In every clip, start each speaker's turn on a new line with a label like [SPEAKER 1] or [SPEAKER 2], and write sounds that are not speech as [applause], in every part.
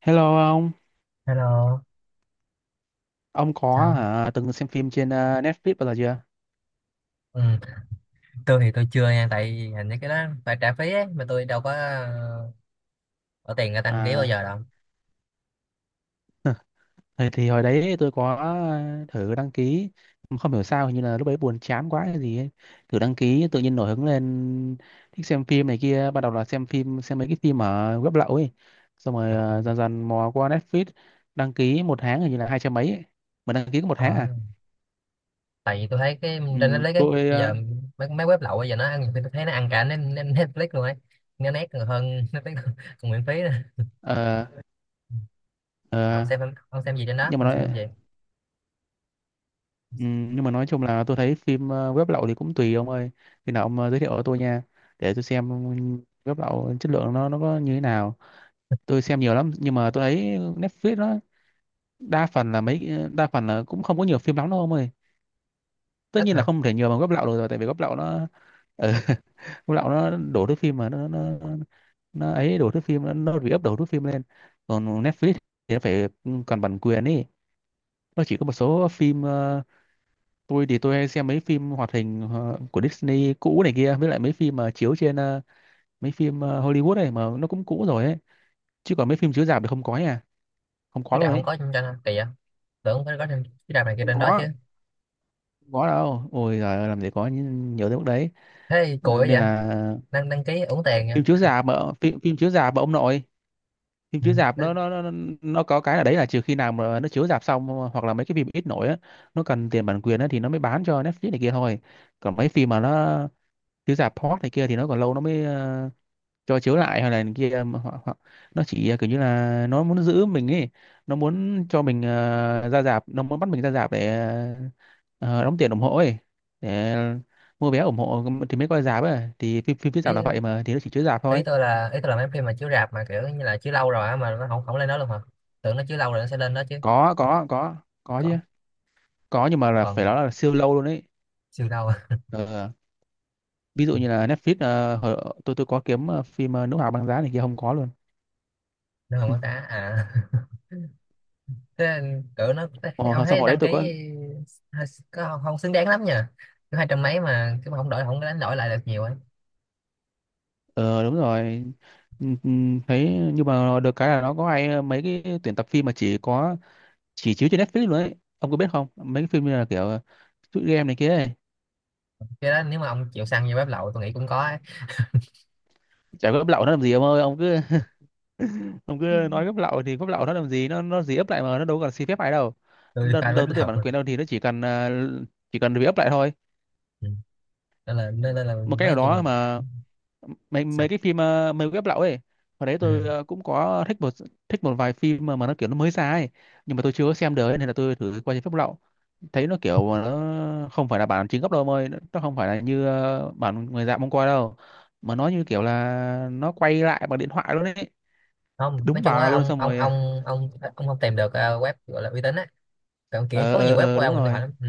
[SPEAKER 1] Hello
[SPEAKER 2] Hello,
[SPEAKER 1] ông có
[SPEAKER 2] sao?
[SPEAKER 1] hả, từng xem phim trên Netflix bao giờ chưa?
[SPEAKER 2] Ừ. Tôi thì tôi chưa nha, tại vì hình như cái đó phải trả phí ấy, mà tôi đâu có bỏ tiền ra đăng ký bao
[SPEAKER 1] À,
[SPEAKER 2] giờ đâu.
[SPEAKER 1] thì hồi đấy tôi có thử đăng ký, không hiểu sao hình như là lúc đấy buồn chán quá hay gì ấy. Thử đăng ký tự nhiên nổi hứng lên thích xem phim này kia, ban đầu là xem mấy cái phim ở web lậu ấy. Xong rồi dần dần mò qua Netflix, đăng ký một tháng hình như là hai trăm mấy ấy. Mà đăng ký có một
[SPEAKER 2] Ờ,
[SPEAKER 1] tháng à?
[SPEAKER 2] tại vì tôi thấy cái trên
[SPEAKER 1] Ừ,
[SPEAKER 2] Netflix ấy,
[SPEAKER 1] tôi
[SPEAKER 2] bây giờ mấy web lậu bây giờ nó ăn, nhiều khi tôi thấy nó ăn cả Netflix luôn ấy, nó nét còn hơn Netflix [laughs] còn miễn phí nữa.
[SPEAKER 1] ờ,
[SPEAKER 2] Ông
[SPEAKER 1] ờ,
[SPEAKER 2] xem ông xem gì trên đó?
[SPEAKER 1] nhưng mà
[SPEAKER 2] Ông xem phim
[SPEAKER 1] nó.
[SPEAKER 2] gì?
[SPEAKER 1] Ừ, nhưng mà nói chung là tôi thấy phim web lậu thì cũng tùy ông ơi, khi nào ông giới thiệu cho tôi nha, để tôi xem web lậu chất lượng nó có như thế nào. Tôi xem nhiều lắm nhưng mà tôi thấy Netflix nó đa phần là cũng không có nhiều phim lắm đâu ông ơi, tất
[SPEAKER 2] Ít
[SPEAKER 1] nhiên là
[SPEAKER 2] hả?
[SPEAKER 1] không thể nhiều bằng web lậu được rồi, tại vì web lậu nó ừ, [laughs] web lậu nó đổ thứ phim mà nó ấy, đổ thước phim nó re-up đổ thước phim lên. Còn Netflix thì nó phải còn bản quyền ý, nó chỉ có một số phim tôi thì tôi hay xem mấy phim hoạt hình của Disney cũ này kia, với lại mấy phim mà chiếu trên mấy phim Hollywood này mà nó cũng cũ rồi ấy. Chứ còn mấy phim chiếu rạp thì không có nha, không có
[SPEAKER 2] Chứ
[SPEAKER 1] luôn
[SPEAKER 2] trà không
[SPEAKER 1] ấy,
[SPEAKER 2] có trên trên hả? Kỳ vậy? Tưởng phải có trên chứ trà này kia
[SPEAKER 1] không
[SPEAKER 2] trên đó chứ.
[SPEAKER 1] có, không có đâu, ôi giời ơi, làm gì có nhiều tới mức đấy.
[SPEAKER 2] Thế thì cùi
[SPEAKER 1] Ờ,
[SPEAKER 2] quá
[SPEAKER 1] nên
[SPEAKER 2] vậy?
[SPEAKER 1] là
[SPEAKER 2] Đăng đăng ký uổng tiền
[SPEAKER 1] phim chiếu
[SPEAKER 2] vậy?
[SPEAKER 1] rạp mà, phim chiếu rạp mà ông nội, phim
[SPEAKER 2] Ừ.
[SPEAKER 1] chiếu rạp nó
[SPEAKER 2] Đăng
[SPEAKER 1] nó có cái là đấy là trừ khi nào mà nó chiếu rạp xong, hoặc là mấy cái phim ít nổi á, nó cần tiền bản quyền á thì nó mới bán cho Netflix này kia thôi. Còn mấy phim mà nó chiếu rạp hot này kia thì nó còn lâu nó mới cho chiếu lại hay là này kia, mà họ nó chỉ kiểu như là nó muốn giữ mình ấy, nó muốn cho mình ra rạp, nó muốn bắt mình ra rạp để ờ, đóng tiền ủng hộ ấy, để mua vé ủng hộ thì mới coi rạp ấy, thì phim phim phía rạp là vậy
[SPEAKER 2] ký,
[SPEAKER 1] mà, thì nó chỉ chiếu rạp
[SPEAKER 2] ý
[SPEAKER 1] thôi.
[SPEAKER 2] tôi là ý tôi là mấy phim mà chiếu rạp mà kiểu như là chiếu lâu rồi á mà nó không không lên đó luôn hả, tưởng nó chiếu lâu rồi nó sẽ lên đó chứ.
[SPEAKER 1] có có có có
[SPEAKER 2] còn
[SPEAKER 1] chứ, có, nhưng mà là phải
[SPEAKER 2] còn
[SPEAKER 1] nói là siêu lâu luôn ấy.
[SPEAKER 2] siêu đâu [laughs] à?
[SPEAKER 1] Ờ, ví dụ như là Netflix tôi có kiếm phim Nữ Hoàng Băng Giá này kia, không có luôn.
[SPEAKER 2] Nó không
[SPEAKER 1] Ừ.
[SPEAKER 2] có đá à. [laughs] Thế cỡ ông
[SPEAKER 1] Ờ, xong
[SPEAKER 2] thấy
[SPEAKER 1] hồi đấy
[SPEAKER 2] đăng
[SPEAKER 1] tôi
[SPEAKER 2] ký
[SPEAKER 1] có.
[SPEAKER 2] có không, không xứng đáng lắm nha, cứ hai trăm mấy mà cứ không đổi, không có đánh đổi lại được nhiều ấy.
[SPEAKER 1] Ờ đúng rồi. Ừ, ừ, thấy nhưng mà được cái là nó có hay mấy cái tuyển tập phim mà chỉ chiếu trên Netflix luôn ấy, ông có biết không, mấy cái phim như là kiểu shoot game này kia ấy.
[SPEAKER 2] Cái đó nếu mà ông chịu săn vô bếp lậu tôi nghĩ cũng có ấy.
[SPEAKER 1] Chả có gấp lậu nó làm gì ông ơi, ông cứ [laughs] ông cứ nói gấp lậu thì gấp lậu nó làm gì, nó gì ấp lại mà nó đâu cần xin phép ai đâu
[SPEAKER 2] Tôi
[SPEAKER 1] đâu
[SPEAKER 2] fan bếp
[SPEAKER 1] đầu tư tiền
[SPEAKER 2] lậu.
[SPEAKER 1] bản quyền đâu, thì nó chỉ cần bị ấp lại thôi,
[SPEAKER 2] Ừ, nên là
[SPEAKER 1] một cách nào
[SPEAKER 2] nói chung là
[SPEAKER 1] đó mà. Mấy mấy
[SPEAKER 2] sao?
[SPEAKER 1] cái phim mấy web lậu ấy, hồi đấy
[SPEAKER 2] Ừ,
[SPEAKER 1] tôi cũng có thích một vài phim mà nó kiểu nó mới ra ấy, nhưng mà tôi chưa có xem được ấy, nên là tôi thử qua trên phép lậu, thấy nó kiểu mà nó không phải là bản chính gốc đâu, mời nó không phải là như bản người dạng mong coi đâu, mà nó như kiểu là nó quay lại bằng điện thoại luôn ấy,
[SPEAKER 2] không, nói
[SPEAKER 1] đúng
[SPEAKER 2] chung
[SPEAKER 1] bà
[SPEAKER 2] á,
[SPEAKER 1] luôn.
[SPEAKER 2] ông
[SPEAKER 1] Xong rồi
[SPEAKER 2] không tìm được web gọi là uy tín á, còn kiểu có nhiều web
[SPEAKER 1] ờ
[SPEAKER 2] qua
[SPEAKER 1] đúng
[SPEAKER 2] điện thoại
[SPEAKER 1] rồi.
[SPEAKER 2] lắm. Ừ,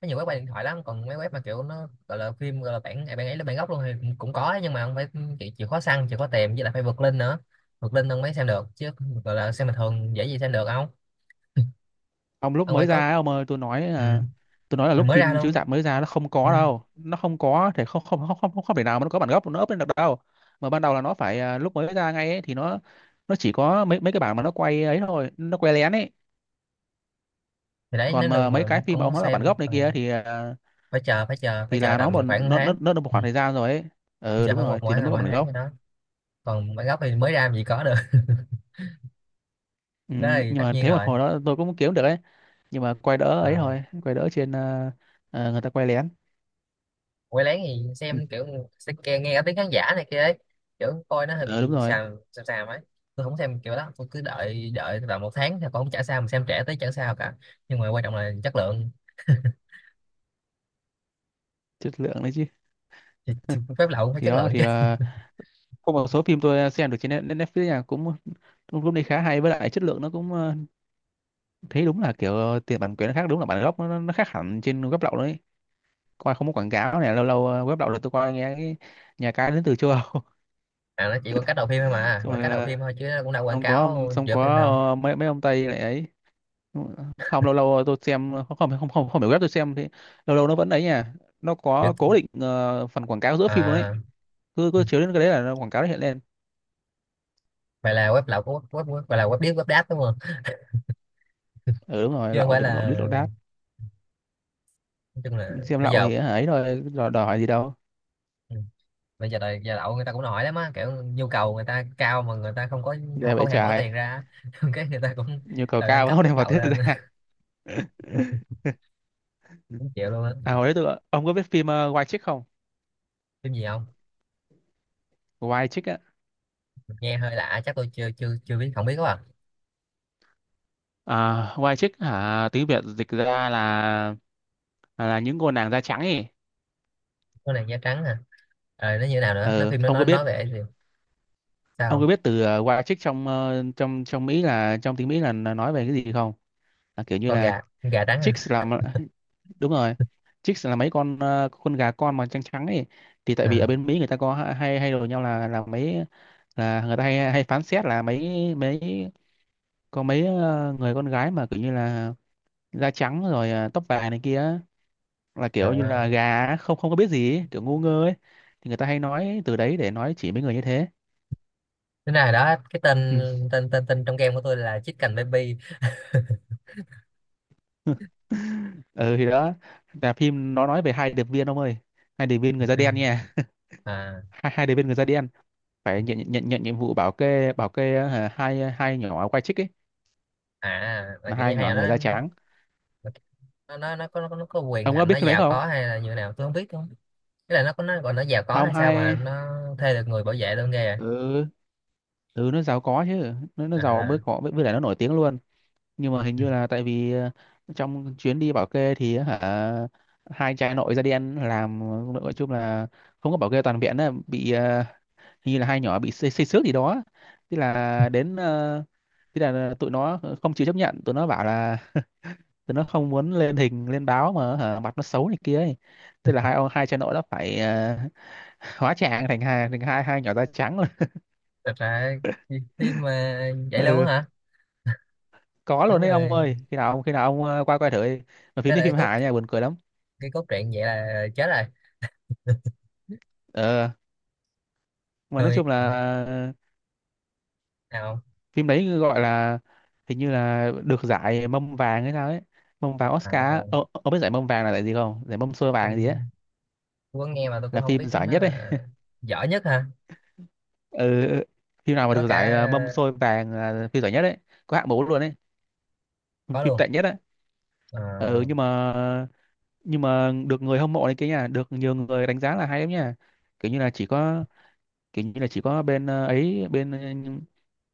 [SPEAKER 2] có nhiều web qua điện thoại lắm, còn mấy web mà kiểu nó gọi là phim gọi là bản bản ấy là bản gốc luôn thì cũng cũng có, nhưng mà không phải, chịu khó săn chịu khó tìm, với lại phải vượt link nữa, vượt link ông mới xem được chứ, gọi là xem bình thường dễ gì xem được, không.
[SPEAKER 1] Ông lúc
[SPEAKER 2] Ông phải
[SPEAKER 1] mới
[SPEAKER 2] có.
[SPEAKER 1] ra ấy, ông ơi, tôi nói
[SPEAKER 2] Ừ.
[SPEAKER 1] là tôi nói là
[SPEAKER 2] Rồi
[SPEAKER 1] lúc
[SPEAKER 2] mới ra
[SPEAKER 1] phim chiếu
[SPEAKER 2] luôn.
[SPEAKER 1] rạp mới ra nó không
[SPEAKER 2] Ừ,
[SPEAKER 1] có đâu, nó không có thể, không không không không không thể nào mà nó có bản gốc nó up lên được đâu, mà ban đầu là nó phải lúc mới ra ngay ấy, thì nó chỉ có mấy mấy cái bản mà nó quay ấy thôi, nó quay lén ấy.
[SPEAKER 2] thì đấy nếu
[SPEAKER 1] Còn mà
[SPEAKER 2] lần
[SPEAKER 1] mấy
[SPEAKER 2] mà
[SPEAKER 1] cái phim
[SPEAKER 2] ông
[SPEAKER 1] mà
[SPEAKER 2] muốn
[SPEAKER 1] ông nói là bản
[SPEAKER 2] xem,
[SPEAKER 1] gốc này kia thì
[SPEAKER 2] phải chờ
[SPEAKER 1] thì là nó
[SPEAKER 2] tầm
[SPEAKER 1] một
[SPEAKER 2] khoảng một
[SPEAKER 1] nó nó
[SPEAKER 2] tháng.
[SPEAKER 1] nó được một
[SPEAKER 2] Ừ,
[SPEAKER 1] khoảng thời gian rồi ấy. Ừ
[SPEAKER 2] chờ
[SPEAKER 1] đúng
[SPEAKER 2] khoảng một
[SPEAKER 1] rồi, thì
[SPEAKER 2] mỗi
[SPEAKER 1] nó mới có
[SPEAKER 2] mỗi
[SPEAKER 1] bản
[SPEAKER 2] tháng gì
[SPEAKER 1] gốc.
[SPEAKER 2] đó, còn bản gốc thì mới ra làm gì có được.
[SPEAKER 1] Ừ,
[SPEAKER 2] [laughs] Đó thì
[SPEAKER 1] nhưng
[SPEAKER 2] tất
[SPEAKER 1] mà
[SPEAKER 2] nhiên
[SPEAKER 1] thế mà
[SPEAKER 2] rồi.
[SPEAKER 1] hồi đó tôi cũng kiếm được ấy, nhưng mà quay đỡ ấy
[SPEAKER 2] Ờ,
[SPEAKER 1] thôi, quay đỡ trên người ta quay lén.
[SPEAKER 2] quay lén thì
[SPEAKER 1] Ừ,
[SPEAKER 2] xem kiểu nghe cả tiếng khán giả này kia ấy, kiểu coi nó hơi
[SPEAKER 1] ừ đúng
[SPEAKER 2] bị
[SPEAKER 1] rồi,
[SPEAKER 2] xàm xàm xàm ấy. Tôi không xem kiểu đó, tôi cứ đợi, vào một tháng thì còn không trả sao mà xem trẻ tới chả sao cả, nhưng mà quan trọng là chất lượng.
[SPEAKER 1] chất lượng đấy chứ.
[SPEAKER 2] Thì phép lậu cũng phải
[SPEAKER 1] Thì
[SPEAKER 2] chất
[SPEAKER 1] đó
[SPEAKER 2] lượng
[SPEAKER 1] thì
[SPEAKER 2] chứ.
[SPEAKER 1] có một số phim tôi xem được trên Netflix nha, cũng cũng cũng đi khá hay, với lại chất lượng nó cũng thấy đúng là kiểu tiền bản quyền nó khác, đúng là bản gốc nó khác hẳn trên web lậu đấy, coi không có quảng cáo này, lâu lâu web lậu là tôi coi nghe cái nhà cái đến từ châu Âu.
[SPEAKER 2] [laughs] À, nó chỉ quảng cáo đầu phim thôi,
[SPEAKER 1] [laughs]
[SPEAKER 2] mà
[SPEAKER 1] Xong
[SPEAKER 2] quảng
[SPEAKER 1] rồi
[SPEAKER 2] cáo đầu phim thôi chứ nó cũng đâu quảng
[SPEAKER 1] xong có ông-
[SPEAKER 2] cáo
[SPEAKER 1] xong
[SPEAKER 2] giữa phim
[SPEAKER 1] có
[SPEAKER 2] đâu.
[SPEAKER 1] ờ, mấy mấy ông Tây lại ấy, không lâu lâu tôi xem không không không không, không phải web tôi xem thì lâu lâu nó vẫn ấy nha, nó
[SPEAKER 2] Giữa,
[SPEAKER 1] có cố định phần quảng cáo giữa phim luôn đấy,
[SPEAKER 2] à,
[SPEAKER 1] cứ cứ chiếu đến cái đấy là nó quảng cáo, nó hiện lên.
[SPEAKER 2] vậy là web lậu của web, là web điếc web đáp đúng không?
[SPEAKER 1] Ừ đúng rồi,
[SPEAKER 2] Chứ không
[SPEAKER 1] lậu
[SPEAKER 2] phải
[SPEAKER 1] thì cũng lậu
[SPEAKER 2] là,
[SPEAKER 1] đít lậu đát,
[SPEAKER 2] nói chung là
[SPEAKER 1] xem
[SPEAKER 2] bây
[SPEAKER 1] lậu
[SPEAKER 2] giờ.
[SPEAKER 1] thì ấy rồi, đòi gì đâu.
[SPEAKER 2] Ừ, bây giờ đời giờ đậu người ta cũng hỏi lắm á, kiểu nhu cầu người ta cao mà người ta không có, không,
[SPEAKER 1] Ghê
[SPEAKER 2] không
[SPEAKER 1] vậy
[SPEAKER 2] hề bỏ
[SPEAKER 1] trời,
[SPEAKER 2] tiền ra. [laughs] Cái người ta cũng
[SPEAKER 1] nhu cầu
[SPEAKER 2] đòi nâng
[SPEAKER 1] cao
[SPEAKER 2] cấp
[SPEAKER 1] không
[SPEAKER 2] mức
[SPEAKER 1] đem vào
[SPEAKER 2] lậu
[SPEAKER 1] tiết
[SPEAKER 2] lên
[SPEAKER 1] ra.
[SPEAKER 2] [laughs]
[SPEAKER 1] [laughs]
[SPEAKER 2] cũng chịu luôn á.
[SPEAKER 1] À, hồi đấy tôi, ông có biết phim White Chick không,
[SPEAKER 2] Phim gì không?
[SPEAKER 1] White Chick á.
[SPEAKER 2] Nghe hơi lạ, chắc tôi chưa chưa chưa biết, không biết quá à.
[SPEAKER 1] À, White Chick hả, tiếng Việt dịch ra là những cô nàng da trắng ấy.
[SPEAKER 2] Con nàng da trắng hả? Ờ, nó như thế nào nữa, nó
[SPEAKER 1] Ừ,
[SPEAKER 2] phim nó
[SPEAKER 1] ông có biết
[SPEAKER 2] nói về cái gì?
[SPEAKER 1] ông có
[SPEAKER 2] Sao?
[SPEAKER 1] biết từ White Chick trong ờ, trong trong Mỹ, trong tiếng Mỹ là nói về cái gì không, là kiểu như
[SPEAKER 2] Con
[SPEAKER 1] là
[SPEAKER 2] gà, con gà trắng hả?
[SPEAKER 1] chicks là, đúng rồi, chicks là mấy con con gà con mà trắng trắng ấy. Thì tại vì ở
[SPEAKER 2] À,
[SPEAKER 1] bên Mỹ người ta có ha- hay hay đồn nhau là mấy là, người ta hay hay phán xét là mấy mấy có mấy người con gái mà kiểu như là da trắng rồi, tóc vàng này kia á, là kiểu như là
[SPEAKER 2] à.
[SPEAKER 1] gà á, không không có biết gì ấy, kiểu ngu ngơ ấy, thì người ta hay nói từ đấy để nói chỉ mấy người như thế.
[SPEAKER 2] Thế nào đó cái tên
[SPEAKER 1] Ừ.
[SPEAKER 2] tên tên tên trong game của tôi là Chicken Baby.
[SPEAKER 1] [laughs] Ừ, thì đó, là phim nó nói về hai điệp viên ông ơi, hai điệp viên
[SPEAKER 2] Điệp
[SPEAKER 1] người da đen
[SPEAKER 2] viên.
[SPEAKER 1] nha.
[SPEAKER 2] À.
[SPEAKER 1] [laughs] hai hai điệp viên người da đen phải nhận nhận nhận nhiệm vụ bảo kê, hai nhỏ quay chích ấy,
[SPEAKER 2] À, là
[SPEAKER 1] là
[SPEAKER 2] kiểu như
[SPEAKER 1] hai
[SPEAKER 2] hay
[SPEAKER 1] nhỏ
[SPEAKER 2] là đó,
[SPEAKER 1] người da trắng.
[SPEAKER 2] nó có, quyền
[SPEAKER 1] Ông có
[SPEAKER 2] hành,
[SPEAKER 1] biết
[SPEAKER 2] nó
[SPEAKER 1] phim đấy
[SPEAKER 2] giàu
[SPEAKER 1] không?
[SPEAKER 2] có hay là như nào tôi không biết. Thế là nó có, nó gọi nó giàu có
[SPEAKER 1] Không,
[SPEAKER 2] hay sao mà
[SPEAKER 1] hai,
[SPEAKER 2] nó thuê được người bảo vệ luôn, ghê vậy?
[SPEAKER 1] ừ, ừ, nó giàu có chứ, nó giàu
[SPEAKER 2] À,
[SPEAKER 1] mới có, với lại nó nổi tiếng luôn. Nhưng mà hình
[SPEAKER 2] ừ,
[SPEAKER 1] như là tại vì trong chuyến đi bảo kê thì hả, hai trai nội da đen làm, nói chung là không có bảo kê toàn viện á, bị hình như là hai nhỏ bị xây xước gì đó. Tức là tức là tụi nó không chịu chấp nhận, tụi nó bảo là, thì nó không muốn lên hình lên báo mà hả, mặt nó xấu này kia ấy. Thế là hai cha nội đã phải [laughs] hóa trang thành hai hai nhỏ da trắng rồi.
[SPEAKER 2] thật ra phim mà vậy
[SPEAKER 1] [laughs]
[SPEAKER 2] luôn
[SPEAKER 1] Ừ,
[SPEAKER 2] hả?
[SPEAKER 1] có luôn
[SPEAKER 2] Đúng
[SPEAKER 1] đấy ông
[SPEAKER 2] rồi.
[SPEAKER 1] ơi, khi nào ông qua coi thử đi, mà phim
[SPEAKER 2] Thế là
[SPEAKER 1] đấy
[SPEAKER 2] cái
[SPEAKER 1] phim
[SPEAKER 2] cốt,
[SPEAKER 1] hài nha, buồn cười lắm.
[SPEAKER 2] cái cốt truyện vậy là chết rồi.
[SPEAKER 1] ờ mà nói
[SPEAKER 2] Tôi
[SPEAKER 1] chung là ờ,
[SPEAKER 2] nào,
[SPEAKER 1] phim đấy gọi là, hình như là được giải mâm vàng hay sao ấy, mâm vàng
[SPEAKER 2] à,
[SPEAKER 1] Oscar á. Ờ, ông biết giải mâm vàng là giải gì không, giải mâm xôi
[SPEAKER 2] tôi,
[SPEAKER 1] vàng gì ấy,
[SPEAKER 2] tôi có nghe mà tôi
[SPEAKER 1] là
[SPEAKER 2] cũng không
[SPEAKER 1] phim
[SPEAKER 2] biết
[SPEAKER 1] giải
[SPEAKER 2] nó
[SPEAKER 1] nhất đấy.
[SPEAKER 2] là giỏi nhất hả?
[SPEAKER 1] Ừ, ừ, ừ. Phim nào mà
[SPEAKER 2] Có
[SPEAKER 1] được
[SPEAKER 2] cả
[SPEAKER 1] giải mâm xôi vàng là phim giải nhất đấy, có hạng mũ luôn đấy,
[SPEAKER 2] có
[SPEAKER 1] phim
[SPEAKER 2] luôn.
[SPEAKER 1] tệ nhất á. Ừ,
[SPEAKER 2] À,
[SPEAKER 1] nhưng mà được người hâm mộ này kia nha, được nhiều người đánh giá là hay lắm nha, kiểu như là chỉ có kiểu như là chỉ có bên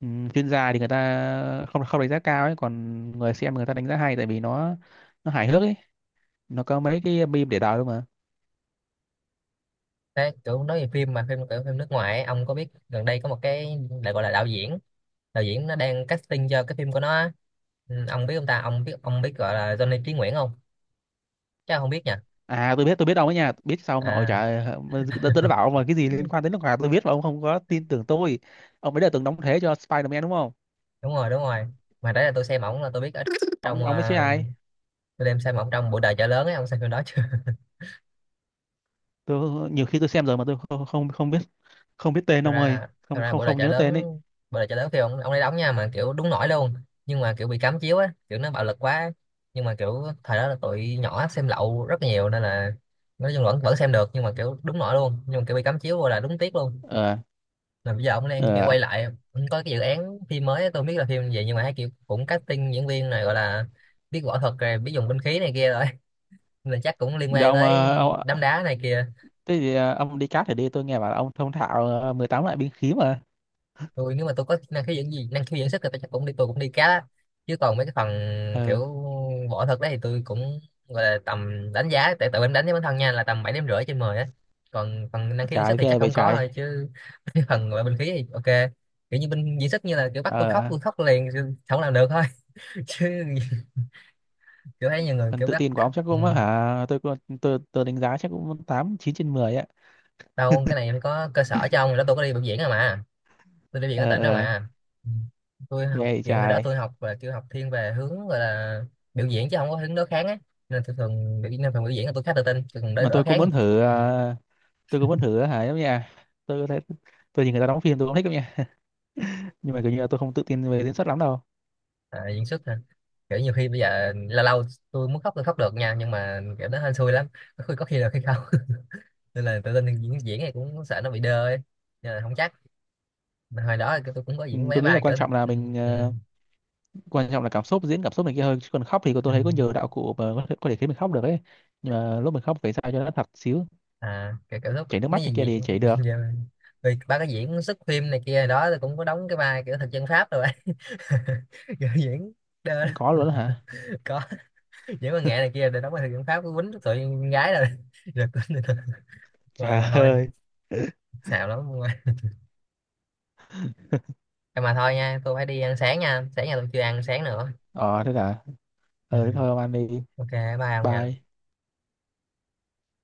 [SPEAKER 1] ừ, chuyên gia thì người ta không không đánh giá cao ấy, còn người xem người ta đánh giá hay tại vì nó hài hước ấy, nó có mấy cái meme để đời luôn mà.
[SPEAKER 2] thế kiểu nói về phim, mà phim kiểu phim nước ngoài ấy, ông có biết gần đây có một cái lại gọi là đạo diễn nó đang casting cho cái phim của nó á. Ừ, ông biết, ông biết gọi là Johnny Trí Nguyễn không? Chắc ông không biết nhỉ?
[SPEAKER 1] À tôi biết ông ấy nha, biết sao ông nội
[SPEAKER 2] À
[SPEAKER 1] trời ơi, tôi đã bảo ông là cái gì liên quan đến nước ngoài tôi biết mà ông không có tin tưởng tôi. Ông ấy đã từng đóng thế cho Spider-Man đúng không,
[SPEAKER 2] đúng rồi, đúng rồi, mà đấy là tôi xem ổng là tôi biết ở
[SPEAKER 1] ông
[SPEAKER 2] trong,
[SPEAKER 1] ông ấy chứ ai.
[SPEAKER 2] tôi đem xem ổng trong bộ đời chợ lớn ấy, ông xem phim đó chưa?
[SPEAKER 1] Tôi nhiều khi tôi xem rồi mà tôi không không không biết, không biết
[SPEAKER 2] [laughs]
[SPEAKER 1] tên
[SPEAKER 2] thật
[SPEAKER 1] ông ơi,
[SPEAKER 2] ra Thật
[SPEAKER 1] không
[SPEAKER 2] ra
[SPEAKER 1] không
[SPEAKER 2] bộ đời
[SPEAKER 1] không
[SPEAKER 2] chợ
[SPEAKER 1] nhớ
[SPEAKER 2] lớn,
[SPEAKER 1] tên ấy.
[SPEAKER 2] khi ông ấy đóng nha, mà kiểu đúng nổi luôn, nhưng mà kiểu bị cấm chiếu á, kiểu nó bạo lực quá ấy. Nhưng mà kiểu thời đó là tụi nhỏ xem lậu rất là nhiều, nên là nói chung vẫn vẫn xem được, nhưng mà kiểu đúng nổi luôn, nhưng mà kiểu bị cấm chiếu vô là đúng tiếc luôn.
[SPEAKER 1] ờ
[SPEAKER 2] Mà bây giờ ông đang kiểu
[SPEAKER 1] ờ
[SPEAKER 2] quay lại, ông có cái dự án phim mới á, tôi không biết là phim gì, nhưng mà thấy kiểu cũng casting diễn viên này, gọi là biết võ thuật rồi biết dùng binh khí này kia rồi, nên là chắc cũng liên
[SPEAKER 1] Thì
[SPEAKER 2] quan
[SPEAKER 1] ông,
[SPEAKER 2] tới
[SPEAKER 1] ông
[SPEAKER 2] đám đá này kìa.
[SPEAKER 1] thế thì ông đi cát thì đi, tôi nghe bảo là ông thông thạo 18 loại binh khí mà.
[SPEAKER 2] Tôi nếu mà tôi có năng khiếu dưỡng gì, năng khiếu dưỡng sức thì tôi chắc cũng đi, tôi cũng đi cá đó. Chứ còn mấy cái phần
[SPEAKER 1] ờ
[SPEAKER 2] kiểu võ thuật đấy thì tôi cũng gọi là tầm đánh giá tại tự em đánh với bản thân nha là tầm 7,5/10 á, còn phần năng khiếu dưỡng
[SPEAKER 1] Trời
[SPEAKER 2] sức thì
[SPEAKER 1] ghê
[SPEAKER 2] chắc
[SPEAKER 1] vậy
[SPEAKER 2] không có
[SPEAKER 1] trái.
[SPEAKER 2] thôi chứ. [laughs] Cái phần gọi là binh khí thì ok, kiểu như binh dưỡng sức, như là kiểu bắt
[SPEAKER 1] ờ
[SPEAKER 2] tôi khóc liền chứ không làm được thôi. [laughs] Chứ kiểu thấy nhiều người
[SPEAKER 1] Phần
[SPEAKER 2] kiểu
[SPEAKER 1] tự
[SPEAKER 2] bắt
[SPEAKER 1] tin của ông
[SPEAKER 2] khóc.
[SPEAKER 1] chắc
[SPEAKER 2] Ừ,
[SPEAKER 1] cũng hả, tôi đánh giá chắc cũng tám chín trên 10 á.
[SPEAKER 2] đâu cái này có cơ sở cho ông đó, tôi có đi biểu diễn rồi mà, tôi đi viện
[SPEAKER 1] ờ
[SPEAKER 2] ở tỉnh đâu
[SPEAKER 1] ờ
[SPEAKER 2] mà. Ừ, tôi
[SPEAKER 1] Ghê
[SPEAKER 2] học
[SPEAKER 1] vậy
[SPEAKER 2] viện hồi đó,
[SPEAKER 1] trời.
[SPEAKER 2] tôi học và kêu học thiên về hướng, gọi là biểu diễn chứ không có hướng đối kháng á, nên tôi thường biểu, nên phần biểu diễn là tôi khá tự tin, tôi còn đối
[SPEAKER 1] Mà
[SPEAKER 2] đối kháng. Ừ,
[SPEAKER 1] tôi cũng muốn thử hả, giống như tôi thấy tôi nhìn người ta đóng phim tôi cũng thích lắm nha, nhưng mà kiểu như là tôi không tự tin về diễn xuất lắm đâu.
[SPEAKER 2] à, diễn xuất hả? Kiểu nhiều khi bây giờ lâu lâu tôi muốn khóc tôi khóc được nha, nhưng mà kiểu đó hên xui lắm, có khi được hay không [laughs] nên là tự tin diễn diễn này cũng sợ nó bị đơ ấy, nên là không chắc. Mà hồi đó tôi cũng có
[SPEAKER 1] Ừ,
[SPEAKER 2] diễn mấy
[SPEAKER 1] tôi nghĩ là
[SPEAKER 2] vai
[SPEAKER 1] quan
[SPEAKER 2] kiểu.
[SPEAKER 1] trọng là
[SPEAKER 2] Ừ,
[SPEAKER 1] mình
[SPEAKER 2] ừ,
[SPEAKER 1] quan trọng là cảm xúc, diễn cảm xúc này kia hơn, chứ còn khóc thì tôi
[SPEAKER 2] ừ.
[SPEAKER 1] thấy có nhiều đạo cụ mà có thể khiến mình khóc được ấy. Nhưng mà lúc mình khóc phải sao cho nó thật xíu,
[SPEAKER 2] À kiểu lúc
[SPEAKER 1] chảy nước mắt
[SPEAKER 2] mấy
[SPEAKER 1] này
[SPEAKER 2] gì
[SPEAKER 1] kia thì chảy
[SPEAKER 2] diễn
[SPEAKER 1] được.
[SPEAKER 2] [laughs] giờ mình- vì ba cái diễn xuất phim này kia đó, tôi cũng có đóng cái vai kiểu thực dân Pháp rồi. [laughs] Giờ diễn đơ
[SPEAKER 1] Có
[SPEAKER 2] [laughs] lắm.
[SPEAKER 1] luôn đó hả.
[SPEAKER 2] Có diễn văn nghệ
[SPEAKER 1] [laughs]
[SPEAKER 2] này kia để đóng vai thực dân Pháp cứ quýnh tụi con gái rồi [laughs] rồi quýnh rồi.
[SPEAKER 1] Trời
[SPEAKER 2] Mà thôi,
[SPEAKER 1] ơi.
[SPEAKER 2] xạo lắm, mà thôi nha, tôi phải đi ăn sáng nha, sáng nhà tôi chưa ăn sáng nữa.
[SPEAKER 1] Ờ thế cả
[SPEAKER 2] Ừ,
[SPEAKER 1] ờ Thế thôi ông ăn đi,
[SPEAKER 2] ok, bye ông
[SPEAKER 1] bye.
[SPEAKER 2] nha.